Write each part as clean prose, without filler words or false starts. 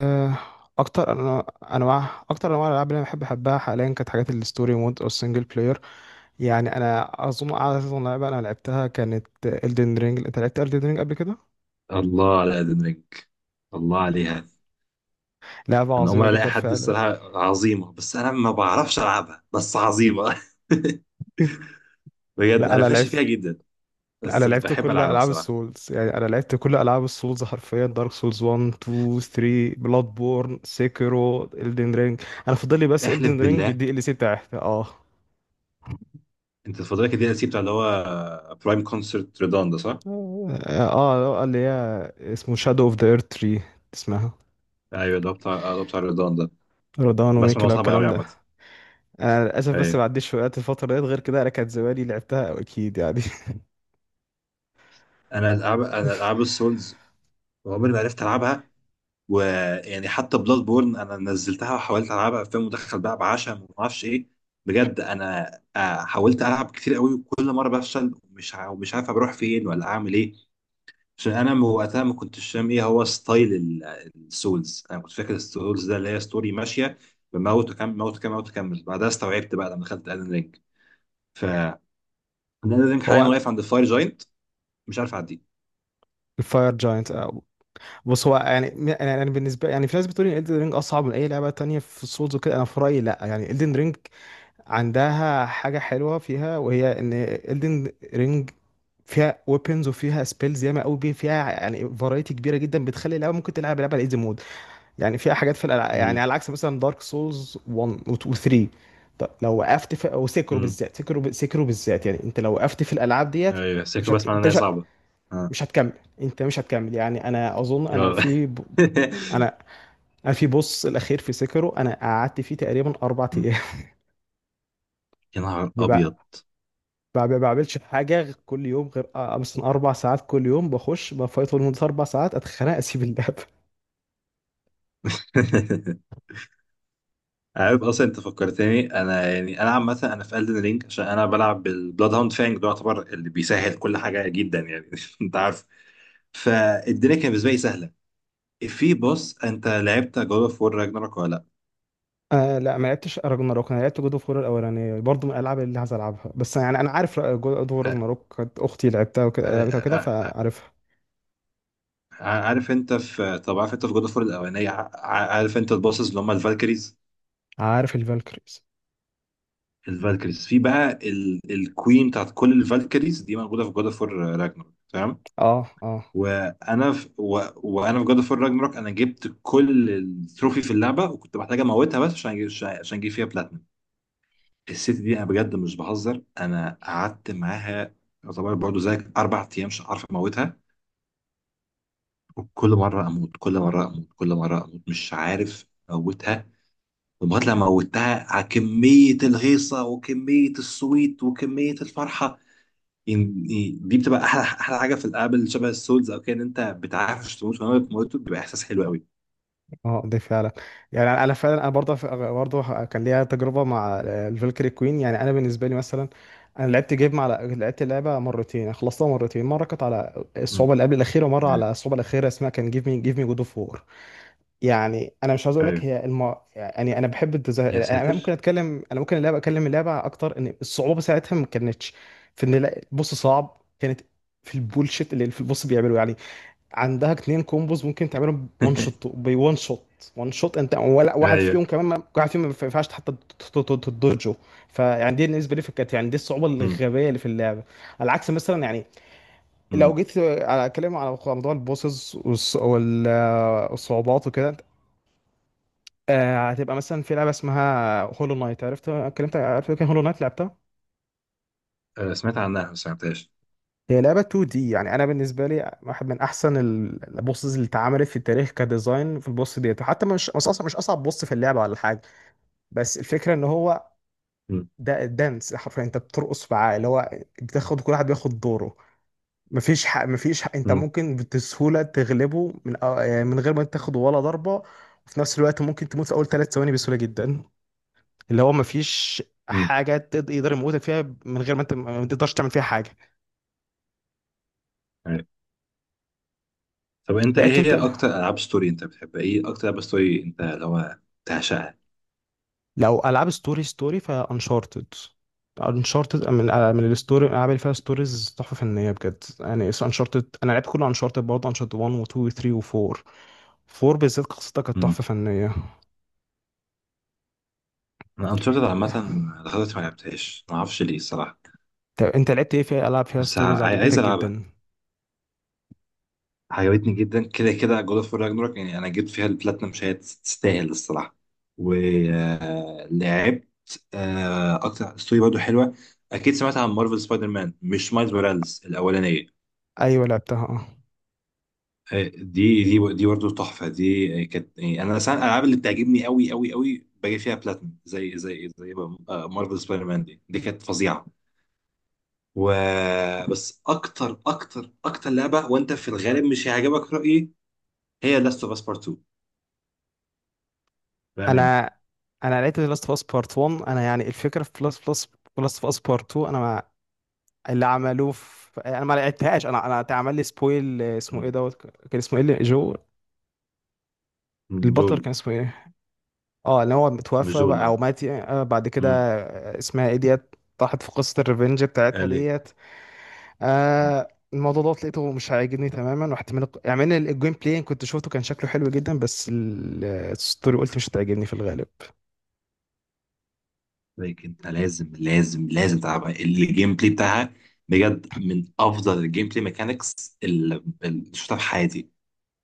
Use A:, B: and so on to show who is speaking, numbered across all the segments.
A: آه، اكتر انا انواع الالعاب اللي انا احبها حاليا كانت حاجات الستوري مود او السنجل بلاير. يعني انا اظن اعظم لعبه انا لعبتها كانت Elden Ring. انت لعبت Elden Ring قبل كده؟
B: الله على قد منك. الله عليها.
A: لعبه
B: انا اول
A: عظيمه
B: مره الاقي
A: جدا
B: حد،
A: فعلا.
B: الصراحه عظيمه، بس انا ما بعرفش العبها، بس عظيمه. بجد
A: لا
B: انا
A: انا
B: فاشل
A: لعبت
B: فيها جدا.
A: لا انا
B: بس
A: لعبت
B: بحب
A: كل
B: العبها
A: العاب
B: الصراحه.
A: السولز، يعني انا لعبت كل العاب السولز حرفيا، دارك سولز 1 2 3 بلاد بورن سيكرو Elden Ring، انا فاضل لي بس
B: احلف
A: Elden Ring
B: بالله.
A: بالدي ال سي بتاعتها. اه،
B: انت الفتره كده الدي ال سي بتاع اللي هو برايم كونسرت ريدان ده، صح؟
A: اه. اللي هي اسمه شادو اوف ذا ايرث 3. اسمها
B: ايوه، اللي هو بتاع ريدان ده.
A: رضوان
B: بسمع إن هو
A: وميكلا
B: صعب
A: والكلام
B: قوي
A: ده.
B: عامه.
A: انا للاسف بس
B: ايوه.
A: ما عديش وقت الفتره ديت، غير كده انا كانت زمالي لعبتها أو اكيد يعني.
B: انا العاب السولز عمري ما عرفت العبها، ويعني حتى بلاد بورن انا نزلتها وحاولت العبها في مدخل بقى بعشم وما اعرفش ايه. بجد انا، حاولت العب كتير قوي وكل مره بفشل، ومش عارف بروح فين ولا اعمل ايه. عشان انا، وقتها ما كنتش فاهم ايه هو ستايل السولز. انا كنت فاكر السولز ده اللي هي ستوري ماشيه، بموت وكمل، موت وكمل، موت وكمل، بعدها استوعبت بقى لما دخلت الن رينج. ف الن رينج
A: هو
B: حاليا
A: أنا-
B: واقف عند الفاير جاينت، مش عارف اعديه.
A: الفاير جاينت. بص، هو يعني بالنسبه، يعني في ناس بتقول ان Elden رينج اصعب من اي لعبه تانية في السولز وكده. انا في رايي لا، يعني Elden رينج عندها حاجه حلوه فيها، وهي ان Elden رينج فيها ويبنز وفيها سبيلز ياما قوي فيها، يعني فرايتي كبيره جدا بتخلي اللعبه ممكن تلعب لعبه على ايزي مود. يعني في حاجات يعني
B: امم
A: على عكس مثلا دارك سولز 1 و 2 و 3. طب لو وقفت في او سيكرو
B: امم
A: بالذات، سيكرو بالذات يعني، انت لو وقفت في الالعاب ديت انت
B: ايوه،
A: مش
B: سيكو
A: هت...
B: بسمع ان
A: انت
B: هي
A: مش هت...
B: صعبه. اه.
A: مش هتكمل. انت مش هتكمل. يعني انا اظن،
B: آه.
A: انا انا في بوس الاخير في سيكرو، انا قعدت فيه تقريبا اربع ايام.
B: يا نهار
A: ما
B: ابيض.
A: بع- ما بعملش حاجه غير كل يوم، غير آه، مثلا اربع ساعات كل يوم، بخش بفايت لمده اربع ساعات، اتخانق، اسيب اللعب.
B: عارف اصلا، انت فكرتني، انا يعني انا عامه انا في الدن رينج عشان انا بلعب بالبلاد هاوند فانج، ده يعتبر اللي بيسهل كل حاجه جدا، يعني انت عارف، فالدنيا كانت بالنسبه لي سهله. في بوس، انت لعبت جود اوف وور راجناروك ولا لا؟
A: آه لا، ما لعبتش راجناروك. انا لعبت جود اوف وور الاولانيه، برضه من الالعاب اللي عايز العبها. بس يعني انا عارف جود اوف وور
B: آه.
A: راجناروك، كانت اختي لعبتها وكده،
B: آه.
A: لعبتها وكده
B: آه. آه.
A: فعارفها.
B: عارف انت في طب عارف انت في جود اوف وور الاولانيه، عارف انت البوسز اللي هم الفالكريز؟
A: عارف الفالكريز.
B: الفالكريز في بقى الكوين بتاعت كل الفالكريز دي موجوده في جود اوف وور راجناروك، تمام؟
A: اه، اه،
B: وانا في جاد اوف راجناروك، انا جبت كل التروفي في اللعبه وكنت محتاج اموتها بس عشان اجيب عشان اجيب فيها بلاتنم. الست دي، انا بجد مش بهزر، انا قعدت معاها يعتبر برضه زيك 4 ايام مش عارف اموتها، وكل مره اموت، كل مره اموت، كل مره اموت، مش عارف اموتها، لغايه لما موتها، على كميه الهيصه وكميه السويت وكميه الفرحه. يعني دي بتبقى احلى احلى حاجه في الالعاب اللي شبه السولز او كده، ان انت بتعرفش تموت، فلما بتموت بيبقى احساس حلو قوي.
A: اه، دي فعلا. يعني انا أنا فعلا انا برضه كان ليا تجربه مع الفالكري كوين. يعني انا بالنسبه لي مثلا، انا لعبت جيم على لعبت اللعبه مرتين، خلصتها مرتين، مره كانت على الصعوبه اللي قبل الاخيره، ومره
B: آه،
A: على الصعوبه الاخيره، اسمها كان جيف مي جيف مي جود اوف. يعني انا مش عاوز اقول لك
B: ايوه
A: هي يعني انا بحب الديزاين،
B: يا
A: انا ممكن
B: ساتر.
A: اتكلم، انا ممكن اللعبه اكلم اللعبه اكتر ان الصعوبه ساعتها ما كانتش في ان البوس صعب، كانت في البولشيت اللي في البوس بيعمله. يعني عندها اتنين كومبوز ممكن تعملهم، وان شوت بوان شوت وان شوت، انت ولا واحد
B: ايوه.
A: فيهم كمان ما... واحد فيهم ما ينفعش حتى تدرجه. فيعني دي بالنسبه لي كانت، يعني دي الصعوبه
B: مم.
A: الغبيه اللي في اللعبه. على العكس مثلا، يعني لو
B: مم.
A: جيت على- اتكلم على موضوع البوسز والصعوبات وكده، آه هتبقى مثلا في لعبه اسمها هولو نايت. عرفت اتكلمت؟ عرفت كان هولو نايت لعبتها.
B: آه، سمعت عنها بس ما عرفتهاش.
A: هي لعبه 2 دي، يعني انا بالنسبه لي واحد من احسن البوسز اللي اتعملت في التاريخ كديزاين، في البوس ديت. وحتى مش، مش اصعب بوس في اللعبه ولا حاجه، بس الفكره ان هو
B: مم.
A: ده الدانس حرفيا، انت بترقص معاه. اللي هو كل واحد بياخد دوره، مفيش حق انت
B: مم.
A: ممكن بسهوله تغلبه من غير ما تاخد ولا ضربه، وفي نفس الوقت ممكن تموت في اول ثلاث ثواني بسهوله جدا. اللي هو مفيش
B: مم.
A: حاجه يقدر يموتك فيها من غير ما انت ما تقدرش تعمل فيها حاجه.
B: ايوه. طب انت، ايه
A: لقيت انت
B: هي اكتر العاب ستوري انت بتحبها، ايه اكتر العاب ستوري انت لو بتعشقها؟
A: لو العاب ستوري، فانشارتد. انشارتد من الستوري، الالعاب اللي فيها ستوريز تحفه فنيه بجد، يعني انشارتد انا لعبت كله، انشارتد برضه، انشارتد 1 و2 و3 و4. 4 بالذات قصتها كانت تحفه
B: مم.
A: فنيه.
B: انا انشارتد عامه لغايه دلوقتي ما لعبتهاش، ما اعرفش ليه الصراحه،
A: طب انت لعبت ايه في العاب فيها
B: بس ع-
A: ستوريز
B: عايز
A: عجبتك
B: العبها.
A: جدا؟
B: عجبتني جدا كده كده جود اوف راجنروك، يعني انا جبت فيها البلاتنم، مش هي تستاهل الصراحه. ولعبت اكتر ستوري برضه حلوه، اكيد سمعت عن مارفل سبايدر مان، مش مايلز موراليس، الاولانيه.
A: ايوه لعبتها، اه.
B: آه، دي برضه تحفه، دي كانت، يعني انا مثلا الالعاب اللي بتعجبني قوي قوي قوي باجي فيها بلاتنم، زي مارفل سبايدر مان دي، كانت فظيعه. و آه، بس اكتر اكتر اكتر لعبه، وانت في الغالب مش هيعجبك رايي، هي لاست اوف اس بارت 2، بامانه.
A: انا انا لعبت لاست اوف اس بارت 1. انا يعني الفكره في لاست اوف اس، لاست اوف اس بارت 2، انا اللي عملوه في انا ما لعبتهاش. انا اتعمل لي سبويل، اسمه ايه دوت، كان اسمه ايه جو،
B: مم،
A: البطل
B: جول.
A: كان اسمه ايه. اه اللي هو
B: مش
A: متوفى
B: جول،
A: بقى
B: اه.
A: او مات يعني. بعد كده،
B: مم،
A: اسمها ايه ديت، طاحت في قصة الريفنج بتاعتها
B: قال ايه.
A: ديت.
B: مم.
A: الموضوع دوت لقيته مش عاجبني تماما، رحت من يعني من الجيم بلاي كنت شفته كان شكله حلو جدا، بس الستوري قلت مش هتعجبني في الغالب.
B: لكن انت لازم لازم لازم تلعبها، الجيم بلاي بتاعها بجد من افضل الجيم بلاي ميكانكس اللي شفتها في حياتي،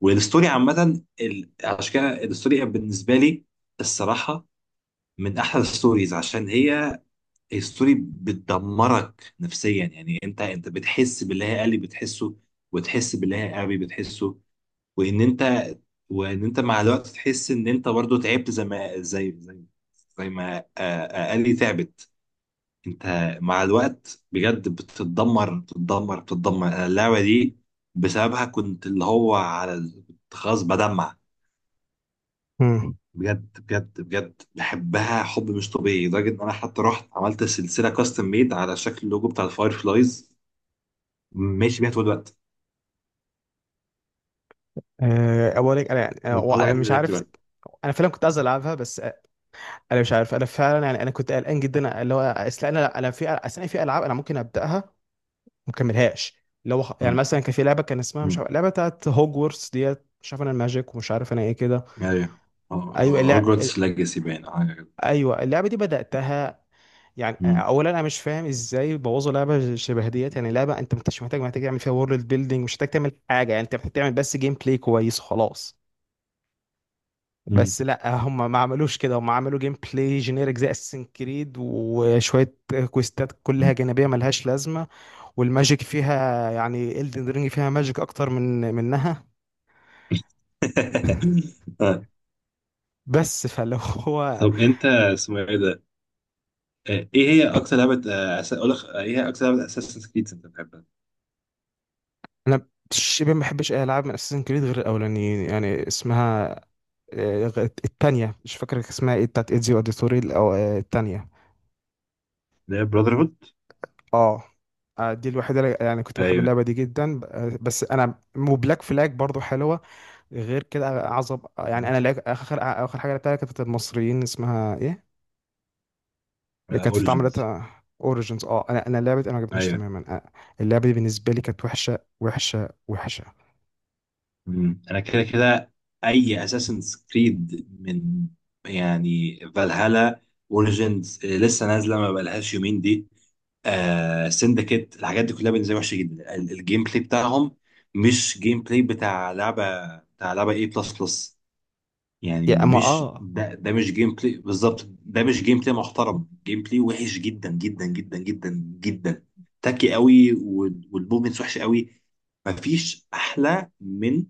B: والستوري عامه، عشان كده الستوري بالنسبه لي الصراحه من احلى الستوريز، عشان هي الستوري بتدمرك نفسيا. يعني انت بتحس باللي هي قالي بتحسه، وتحس باللي هي ابي بتحسه، وان انت وان انت مع الوقت تحس ان انت برضو تعبت، زي ما اقلي تعبت. انت مع الوقت بجد بتتدمر بتتدمر بتتدمر، أنا اللعبه دي بسببها كنت، اللي هو على ال- كنت خلاص بدمع.
A: مم.
B: بجد بجد بجد بحبها حب مش طبيعي، لدرجه ان انا حتى رحت عملت سلسله كاستم ميد على شكل اللوجو بتاع الفاير فلايز، ماشي بيها طول الوقت،
A: اولا انا يعني،
B: من اول
A: أنا
B: الحاجات اللي
A: مش
B: لعبت
A: عارف.
B: بقى.
A: انا فعلا كنت عايز العبها، بس انا مش عارف. انا فعلا يعني انا كنت قلقان جدا، اللي هو اصل انا في العاب انا ممكن ابداها وما اكملهاش. اللي هو يعني
B: امم
A: مثلا كان في لعبه، كان اسمها مش
B: امم
A: عارف، لعبه بتاعت هوجورتس ديت، مش عارف انا الماجيك، ومش عارف انا ايه كده.
B: ايوه،
A: ايوه اللع... ال-
B: هوجورتس ليجاسي باين.
A: ايوه اللعبه دي بداتها. يعني
B: مم.
A: اولا انا مش فاهم ازاي بوظوا لعبه شبه ديت. يعني لعبه انت مش محتاج، تعمل فيها وورلد بيلدينج، مش محتاج تعمل حاجه، يعني انت محتاج تعمل بس جيم بلاي كويس وخلاص.
B: مم.
A: بس لا، هم ما عملوش كده. هم عملوا جيم بلاي جينيرك زي اساسن كريد، وشويه كويستات كلها
B: مم.
A: جانبيه ملهاش لازمه، والماجيك فيها يعني، الدن رينج فيها ماجيك اكتر من منها.
B: آه.
A: بس فلو هو
B: طب انت اسمه ايه ده؟ ايه هي اكتر لعبة، آه، أس- اقول لك آه، ايه هي اكتر لعبة اساسن كريد انت بتحبها؟
A: انا شبه ما بحبش اي العاب من اساسن كريد غير الاولانيين، يعني اسمها التانية، مش فاكر اسمها ايه، بتاعت ايدزيو اوديتوري او التانية.
B: اللي هي براذر هود؟
A: اه. دي الوحيدة يعني كنت بحب
B: ايوه.
A: اللعبة دي جدا، بس انا، وبلاك فلاج برضو حلوة. غير كده اعظم، يعني انا لعب اخر اخر حاجه لعبتها كانت بتاعت المصريين، اسمها ايه اللي كانت في طعم
B: اوريجنز.
A: داتا، اوريجينز. اه انا، انا لعبه انا ما عجبتنيش
B: ايوه.
A: تماما. اللعبه دي بالنسبه لي كانت وحشه وحشه وحشه.
B: مم. انا كده كده اي اساسن كريد من، يعني فالهالا، اوريجنز لسه نازله ما بقالهاش يومين دي، آه سندكيت، الحاجات دي كلها بالنسبه لي وحشه جدا، الجيم بلاي بتاعهم مش جيم بلاي بتاع لعبه اي بلس بلس، يعني
A: يا اما
B: مش
A: اه،
B: ده مش جيم بلاي بالظبط، ده مش جيم بلاي محترم، جيم بلاي وحش جدا جدا جدا جدا جدا، تاكي قوي، والمومنتس وحشه قوي. مفيش احلى من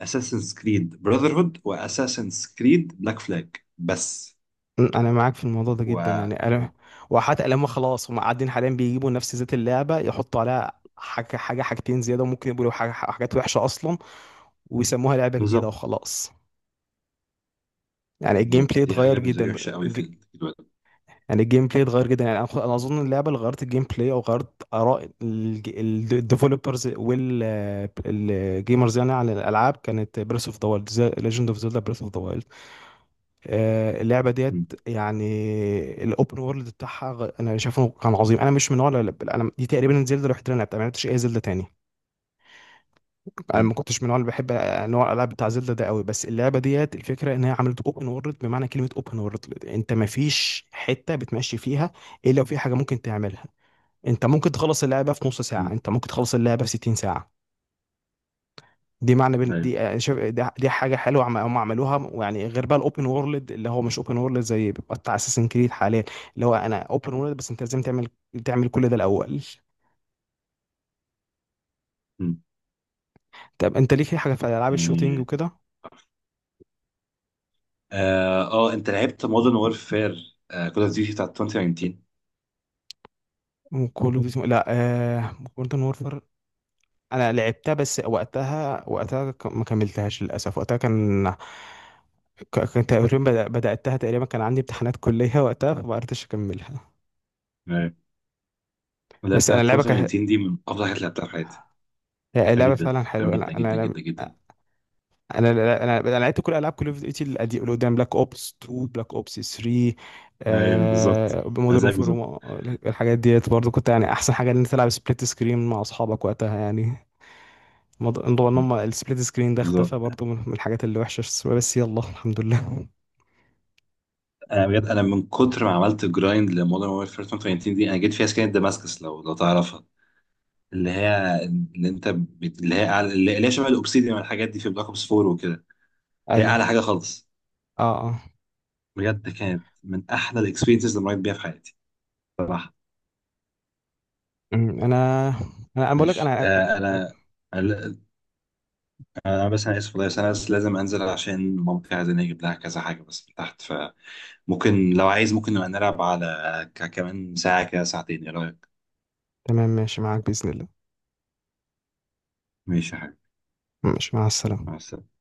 B: اساسنز كريد براذر هود واساسنز كريد بلاك فلاج بس.
A: انا معاك في الموضوع ده
B: و
A: جدا، يعني
B: و-
A: انا وحتى لما خلاص هم قاعدين حاليا بيجيبوا نفس ذات اللعبه، يحطوا عليها حاجه، حاجتين زياده، وممكن يقولوا حاجات وحشه اصلا، ويسموها لعبه جديده
B: بالظبط.
A: وخلاص. يعني الجيم
B: بالظبط،
A: بلاي
B: دي
A: اتغير
B: حاجه بالنسبه لي
A: جدا
B: وحشه قوي في في الوقت.
A: يعني الجيم بلاي اتغير جدا. يعني انا، أنا اظن اللعبه اللي غيرت الجيم بلاي او غيرت اراء الديفلوبرز والجيمرز يعني على الالعاب كانت بريس اوف ذا وايلد، ليجند اوف زيلدا بريس اوف ذا وايلد. اللعبه
B: مم.
A: ديت يعني الاوبن وورلد بتاعها انا شايفه كان عظيم. انا مش من نوع انا دي تقريبا زيلدا الوحيده اللي أنا لعبتها، ما لعبتش اي زيلدا تاني. انا ما
B: مم.
A: كنتش من النوع اللي بحب نوع الالعاب بتاع زيلدا ده قوي. بس اللعبه ديت الفكره ان هي عملت اوبن وورلد بمعنى كلمه اوبن وورلد، انت ما فيش حته بتمشي فيها الا لو في حاجه ممكن تعملها. انت ممكن تخلص اللعبه في نص ساعه،
B: مم.
A: انت ممكن تخلص اللعبه في 60 ساعه.
B: ايوه.
A: دي شايف، دي حاجه حلوه هم عملوها، ويعني غير بقى الاوبن وورلد اللي هو مش اوبن وورلد زي بيبقى بتاع اساسن كريد حاليا، اللي هو انا اوبن وورلد بس انت لازم تعمل، كل ده الاول.
B: مم.
A: طب انت ليك اي حاجه في العاب الشوتينج
B: يعني،
A: وكده؟
B: اه انت لعبت مودرن وورفير كول اوف ديوتي بتاعت 2019،
A: وكل اوف ديوتي، لا آه... مودرن وورفر انا لعبتها، بس وقتها، ما كملتهاش للاسف. وقتها كان، كان تقريبا، بدأتها تقريبا كان عندي امتحانات كلية وقتها فما قدرتش اكملها. بس
B: بدأت
A: انا اللعبه
B: 2018، دي من أفضل الحاجات اللي لعبتها في حياتي،
A: هي
B: حلوة
A: لعبة
B: جدا،
A: فعلا
B: حلوة
A: حلوة.
B: جدا
A: انا انا
B: جدا
A: انا
B: جدا جدا.
A: انا انا, أنا لعبت كل العاب كول اوف ديوتي اللي قدام، بلاك اوبس 2، بلاك اوبس 3،
B: أيوه بالظبط، أنا
A: مودرن
B: زيك بالظبط.
A: وورفير. الحاجات ديت برضو كنت، يعني احسن حاجة ان انت تلعب سبليت سكرين مع اصحابك وقتها يعني. موضوع ان
B: مم.
A: هم السبليت سكرين ده
B: بالظبط،
A: اختفى برضو، من الحاجات اللي وحشة، بس يلا الحمد لله.
B: أنا بجد، أنا من كتر ما عملت جرايند لمودرن وورفير 2018 دي، أنا جيت فيها سكينة دماسكس، لو تعرفها، اللي هي اللي أنت بت... اللي هي أعلى... اللي هي شبه الأوبسيديان والحاجات دي في بلاك أوبس 4 وكده، اللي هي
A: ايوه،
B: أعلى حاجة خالص.
A: اه، اه.
B: بجد كانت من أحلى الإكسبيرينسز اللي مريت بيها في حياتي، صراحة.
A: انا، أنا بقول لك
B: مش
A: انا،
B: آه
A: أنا-.
B: أنا، أنا، أنا بس أنا آسف والله، بس لازم أنزل عشان مامتي عايزاني أجيب لها كذا حاجة بس من تحت، ف ممكن لو عايز ممكن نبقى نلعب على كمان ساعة كده، ساعتين، ايه رأيك؟
A: تمام، ماشي معاك بإذن الله.
B: ماشي يا حبيبي.
A: ماشي مع السلامة.
B: مع السلامة.